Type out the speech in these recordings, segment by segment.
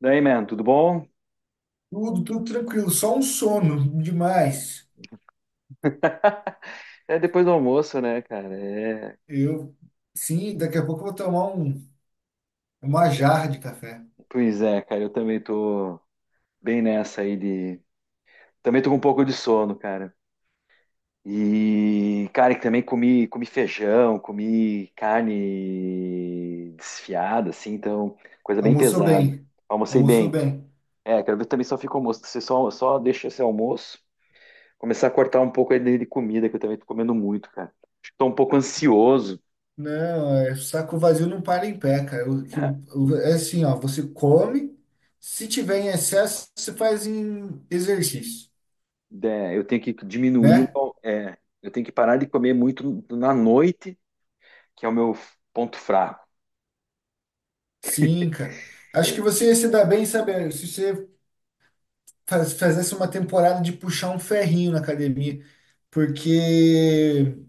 Daí, man, tudo bom? Tudo, tudo tranquilo, só um sono demais. É depois do almoço, né, cara? Eu, sim, daqui a pouco eu vou tomar uma jarra de café. Pois é, cara, eu também tô bem nessa aí de. Também tô com um pouco de sono, cara. E, cara, que também comi feijão, comi carne desfiada, assim, então, coisa bem Almoçou pesada. bem, Almocei almoçou bem. bem. É, quero ver também só fica o almoço. Você só deixa esse almoço, começar a cortar um pouco aí de comida, que eu também tô comendo muito, cara. Acho que tô um pouco ansioso. Não, é, saco vazio não para em pé, cara. É assim, ó, você come, se tiver em excesso, você faz em exercício, É, eu tenho que né? Eu tenho que parar de comer muito na noite, que é o meu ponto fraco. Sim, cara. Acho que Eu- você ia se dar bem, sabe, se você fizesse uma temporada de puxar um ferrinho na academia, porque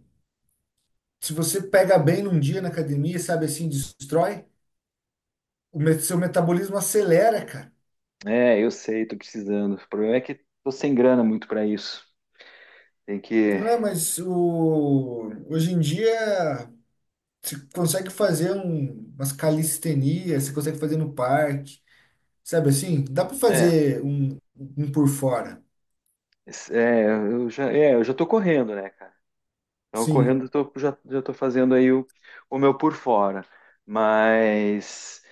se você pega bem num dia na academia, sabe assim, destrói, seu metabolismo acelera, cara. É, eu sei, tô precisando. O problema é que tô sem grana muito para isso. Tem que, Não é, mas hoje em dia você consegue fazer umas calistenias, você consegue fazer no parque, sabe assim? Dá para é, fazer um por fora. es- é, eu já tô correndo, né, cara? Então, correndo, eu Sim, já tô fazendo aí o meu por fora. Mas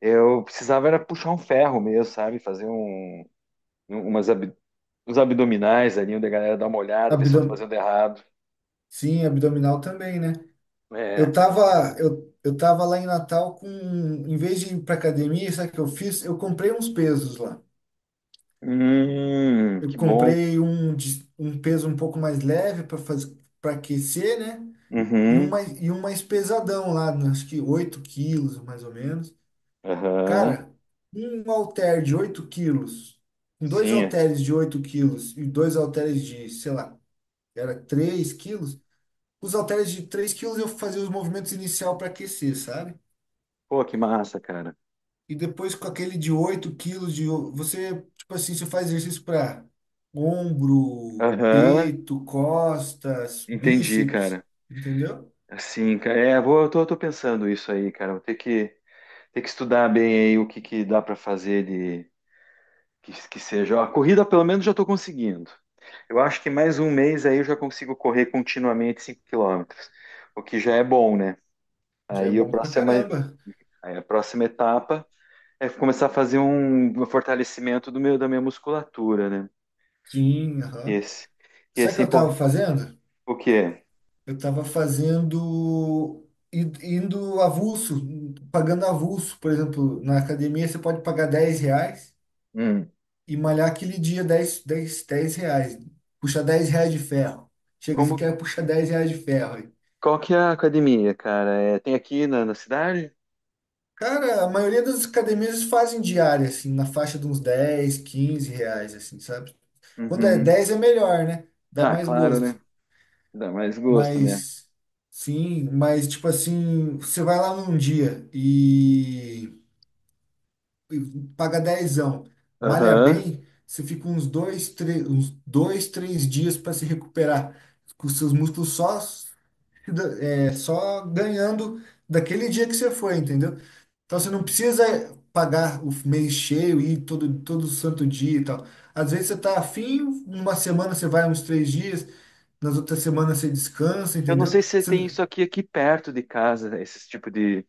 eu precisava era puxar um ferro mesmo, sabe? Fazer um- umas, ab- uns abdominais ali, onde a galera dá uma olhada, ver se eu tô abdom, fazendo errado. sim, abdominal também, né? É. Eu tava lá em Natal com, em vez de ir pra academia, sabe o que eu fiz? Eu comprei uns pesos lá. Eu que bom. comprei um peso um pouco mais leve para fazer para aquecer, né? E um Uhum, mais, e um mais pesadão lá, né? Acho que 8 kg, mais ou menos. aham, Cara, um halter de 8 kg, com dois sim. É. halteres de 8 kg e dois halteres de, sei lá, era 3 kg. Os halteres de 3 kg eu fazia os movimentos inicial para aquecer, sabe? Pô, que massa, cara. E depois com aquele de 8 kg você, tipo assim, você faz exercício para ombro, Aham, peito, costas, entendi, bíceps, cara. entendeu? Assim, cara, eu tô, tô pensando isso aí, cara. Vou ter ter que estudar bem aí o que que dá pra fazer que seja. Ó, a corrida, pelo menos, já tô conseguindo. Eu acho que mais um mês aí eu já consigo correr continuamente 5 km, o que já é bom, né? Já é Aí a bom pra próxima, caramba. aí a próxima etapa é começar a fazer um fortalecimento do da minha musculatura, né? Sim, aham. Esse. E Sabe o esse que é eu tava importante. fazendo? O quê? Eu tava fazendo, indo avulso, pagando avulso. Por exemplo, na academia você pode pagar R$ 10 Hum. e malhar aquele dia dez reais. Puxar R$ 10 de ferro. Chega, você Como, quer puxar R$ 10 de ferro. qual que é a academia, cara? É, tem aqui na cidade? Cara, a maioria das academias fazem diária, assim, na faixa de uns dez, 15 reais, assim, sabe? Quando é Uhum. 10 é melhor, né? Dá Ah, mais claro, né? gosto. Dá mais gosto, né? Mas, sim, mas, tipo assim, você vai lá num dia e paga dezão, malha Aham. bem, você fica uns dois, três dias para se recuperar, com os seus músculos só, se da- é, só ganhando daquele dia que você foi, entendeu? Então você não precisa pagar o mês cheio e ir todo santo dia e tal. Às vezes você tá afim, uma semana você vai uns 3 dias, nas outras semanas você descansa, Eu não entendeu? sei se Você- tem isso aqui perto de casa, esse tipo de.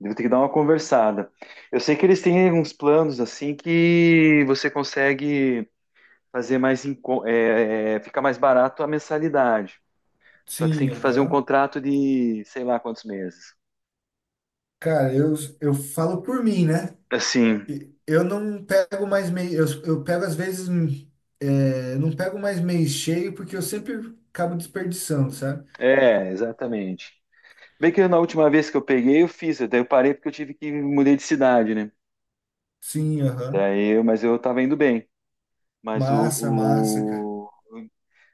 Vou ter que dar uma conversada. Eu sei que eles têm uns planos assim que você consegue fazer mais, enco- é, é, é, fica mais barato a mensalidade. Só que você tem Sim, que fazer um aham. contrato de sei lá quantos meses. Cara, eu falo por mim, né? Assim, Eu não pego mais mês, eu pego às vezes, não pego mais mês cheio porque eu sempre acabo desperdiçando, sabe? é, exatamente. Bem que eu, na última vez que eu peguei, eu fiz, daí eu parei porque eu tive que mudei de cidade, né? Sim, aham. Mas eu tava indo bem. Mas Massa, massa, cara.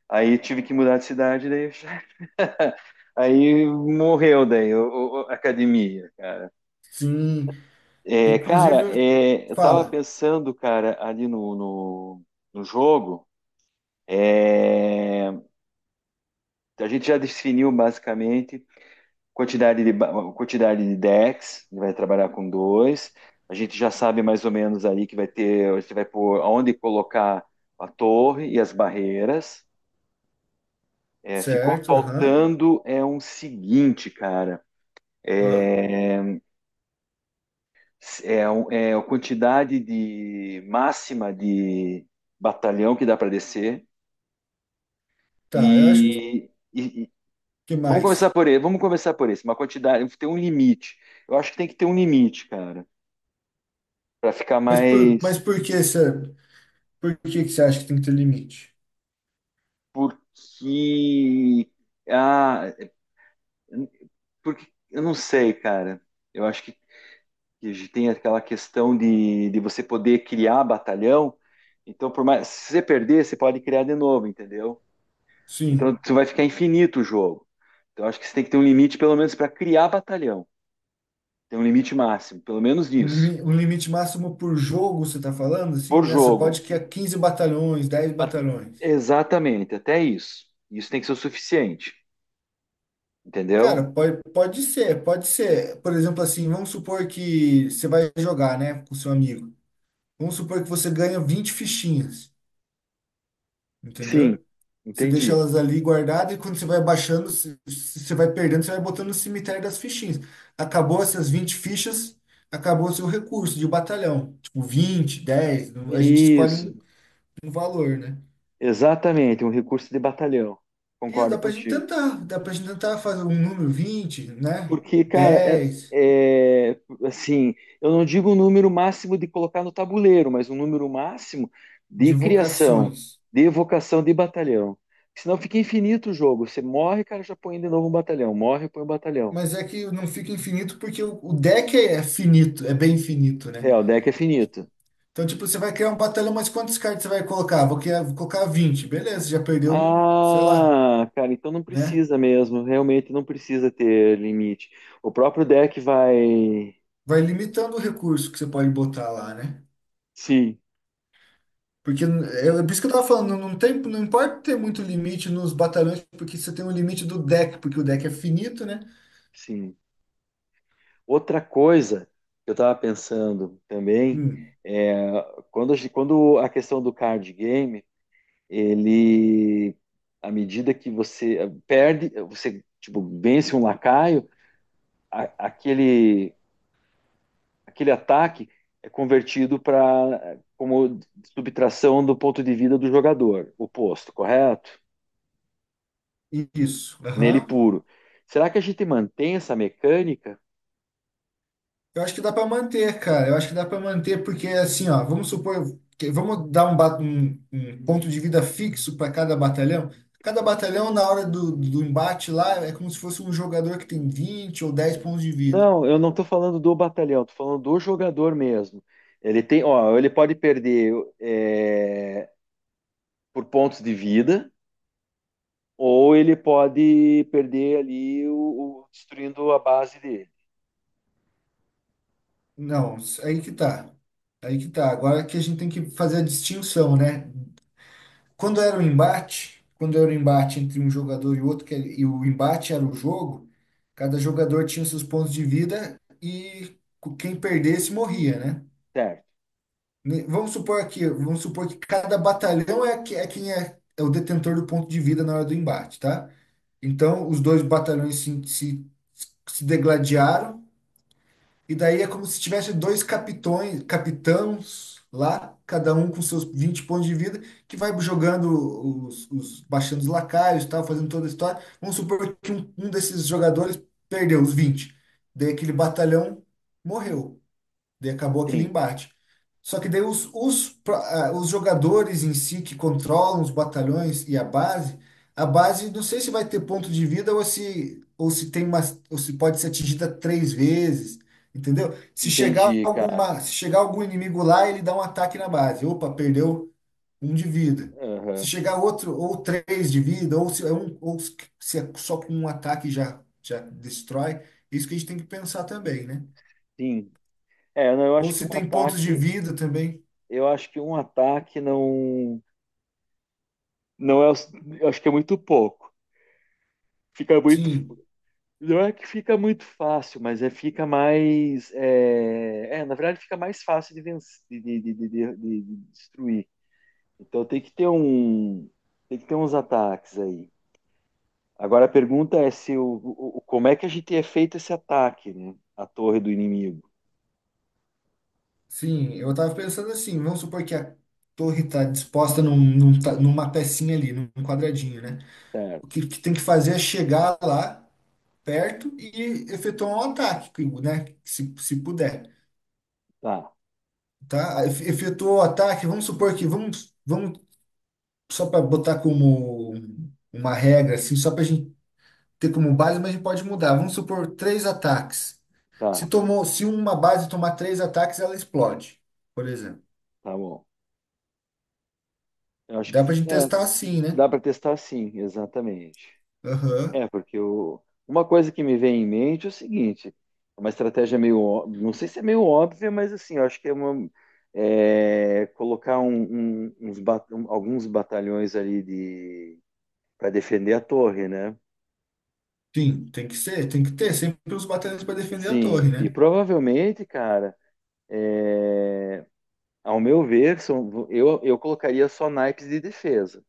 aí tive que mudar de cidade, daí aí morreu daí a academia, cara. Sim. É, cara, Inclusive, eu- é, eu tava fala. pensando, cara, ali no jogo, é, a gente já definiu basicamente Quantidade de, ba- quantidade de decks, ele vai trabalhar com dois. A gente já sabe mais ou menos aí que vai ter, você vai pôr aonde colocar a torre e as barreiras. É, ficou Certo, aham. faltando é um seguinte, cara. Ah, É, é a quantidade de máxima de batalhão que dá para descer. tá, eu acho que. E, e- e- Que vamos começar mais. por esse. Vamos começar por esse. Uma quantidade, tem um limite. Eu acho que tem que ter um limite, cara, para ficar Mas por, mas mais. por que essa, por que que você acha que tem que ter limite? Porque. Ah, porque eu não sei, cara. Eu acho que a gente tem aquela questão de você poder criar batalhão. Então, por mais, se você perder, você pode criar de novo, entendeu? Então, Sim, você vai ficar infinito o jogo. Então, eu acho que você tem que ter um limite, pelo menos, para criar batalhão. Tem um limite máximo, pelo menos um, nisso. limi- um limite máximo por jogo, você tá falando? Por Assim, essa jogo. pode que é 15 batalhões, 10 A- batalhões. Exatamente, até isso. Isso tem que ser o suficiente, entendeu? Cara, pode ser, pode ser. Por exemplo, assim, vamos supor que você vai jogar, né, com seu amigo. Vamos supor que você ganha 20 fichinhas. Sim, Entendeu? Você deixa entendi. elas ali guardadas e quando você vai baixando, se você vai perdendo, você vai botando no cemitério das fichinhas. Acabou essas 20 fichas, acabou o seu recurso de batalhão. Tipo, 20, 10. Não- a gente escolhe Isso, um, um valor, né? exatamente, um recurso de batalhão. Isso, Concordo dá pra gente contigo. tentar, dá pra gente tentar fazer um número 20, né? Porque, cara, é, 10 é, assim, eu não digo o número máximo de colocar no tabuleiro, mas um número máximo de de criação, vocações. de evocação de batalhão. Senão fica infinito o jogo. Você morre, cara, já põe de novo um batalhão. Morre, põe um batalhão. Mas é que não fica infinito porque o deck é finito, é bem finito, né? É, o deck é finito. Então, tipo, você vai criar um batalhão, mas quantos cards você vai colocar? Vou criar, vou colocar 20, beleza, já perdeu um, sei lá, Ah, cara, então não né? precisa mesmo. Realmente não precisa ter limite. O próprio deck vai. Vai limitando o recurso que você pode botar lá, né? Sim, Porque é, é por isso que eu tava falando, não tem, não importa ter muito limite nos batalhões, porque você tem um limite do deck, porque o deck é finito, né? sim. Outra coisa que eu estava pensando também Hum, é quando a questão do card game, ele, à medida que você perde, você tipo, vence um lacaio, a- aquele, aquele ataque é convertido para como subtração do ponto de vida do jogador, oposto, correto? isso. Nele Aham, puro. Será que a gente mantém essa mecânica? eu acho que dá para manter, cara. Eu acho que dá para manter, porque assim, ó, vamos supor, que- vamos dar um, ba- um- um ponto de vida fixo para cada batalhão. Cada batalhão, na hora do embate lá, é como se fosse um jogador que tem 20 ou 10 pontos de vida. Não, eu não estou falando do batalhão, estou falando do jogador mesmo. Ele tem, ó, ele pode perder é, por pontos de vida, ou ele pode perder ali destruindo a base dele. Não, aí que tá. Aí que tá. Agora que a gente tem que fazer a distinção, né? Quando era o embate, quando era o embate entre um jogador e outro, que, ele- e o embate era o jogo, cada jogador tinha seus pontos de vida e quem perdesse morria, né? Certo, Ne- vamos supor aqui, vamos supor que cada batalhão é, que- é quem é, é o detentor do ponto de vida na hora do embate, tá? Então, os dois batalhões se degladiaram, e daí é como se tivesse dois capitões, capitãos lá, cada um com seus 20 pontos de vida, que vai jogando os, baixando os lacaios, tal, fazendo toda a história. Vamos supor que um desses jogadores perdeu os 20, daí aquele batalhão morreu. Daí acabou aquele sim, embate. Só que daí os jogadores em si que controlam os batalhões e a base não sei se vai ter ponto de vida ou se tem uma, ou se pode ser atingida 3 vezes, entendeu? Se chegar entendi, cara. alguma, se chegar algum inimigo lá, ele dá um ataque na base. Opa, perdeu um de vida. Se Aham, chegar outro, ou três de vida, ou se é um, ou se é só com um ataque já, já destrói, é isso que a gente tem que pensar também, né? sim. É, não, eu Ou acho que um se tem pontos de vida também. eu acho que um ataque não, não é, o- eu acho que é muito pouco. Fica muito. Sim, Não é que fica muito fácil, mas é fica mais. Na verdade, fica mais fácil de, vencer, de destruir. Então tem que ter tem que ter uns ataques aí. Agora a pergunta é se como é que a gente é feito esse ataque, né? A torre do inimigo. sim. Eu tava pensando assim, vamos supor que a torre tá disposta numa pecinha ali, num quadradinho, né? O Certo. que, que tem que fazer é chegar lá perto e efetuar um ataque, né? Se puder, Tá, tá? Efetuou o ataque, vamos supor que vamos só para botar como uma regra, assim, só para ter como base, mas a gente pode mudar. Vamos supor 3 ataques. Se tá, tomou, se uma base tomar 3 ataques, ela explode, por exemplo. tá bom. Eu acho que Dá pra gente testar assim, né? dá para testar sim, exatamente. Aham. É, uma coisa que me vem em mente é o seguinte, é uma estratégia não sei se é meio óbvia, mas assim, eu acho que é colocar alguns batalhões ali de para defender a torre, né? Sim, tem que ser, tem que ter sempre os batalhões para defender a Sim, torre, e né? provavelmente, cara, é, ao meu ver, eu colocaria só naipes de defesa.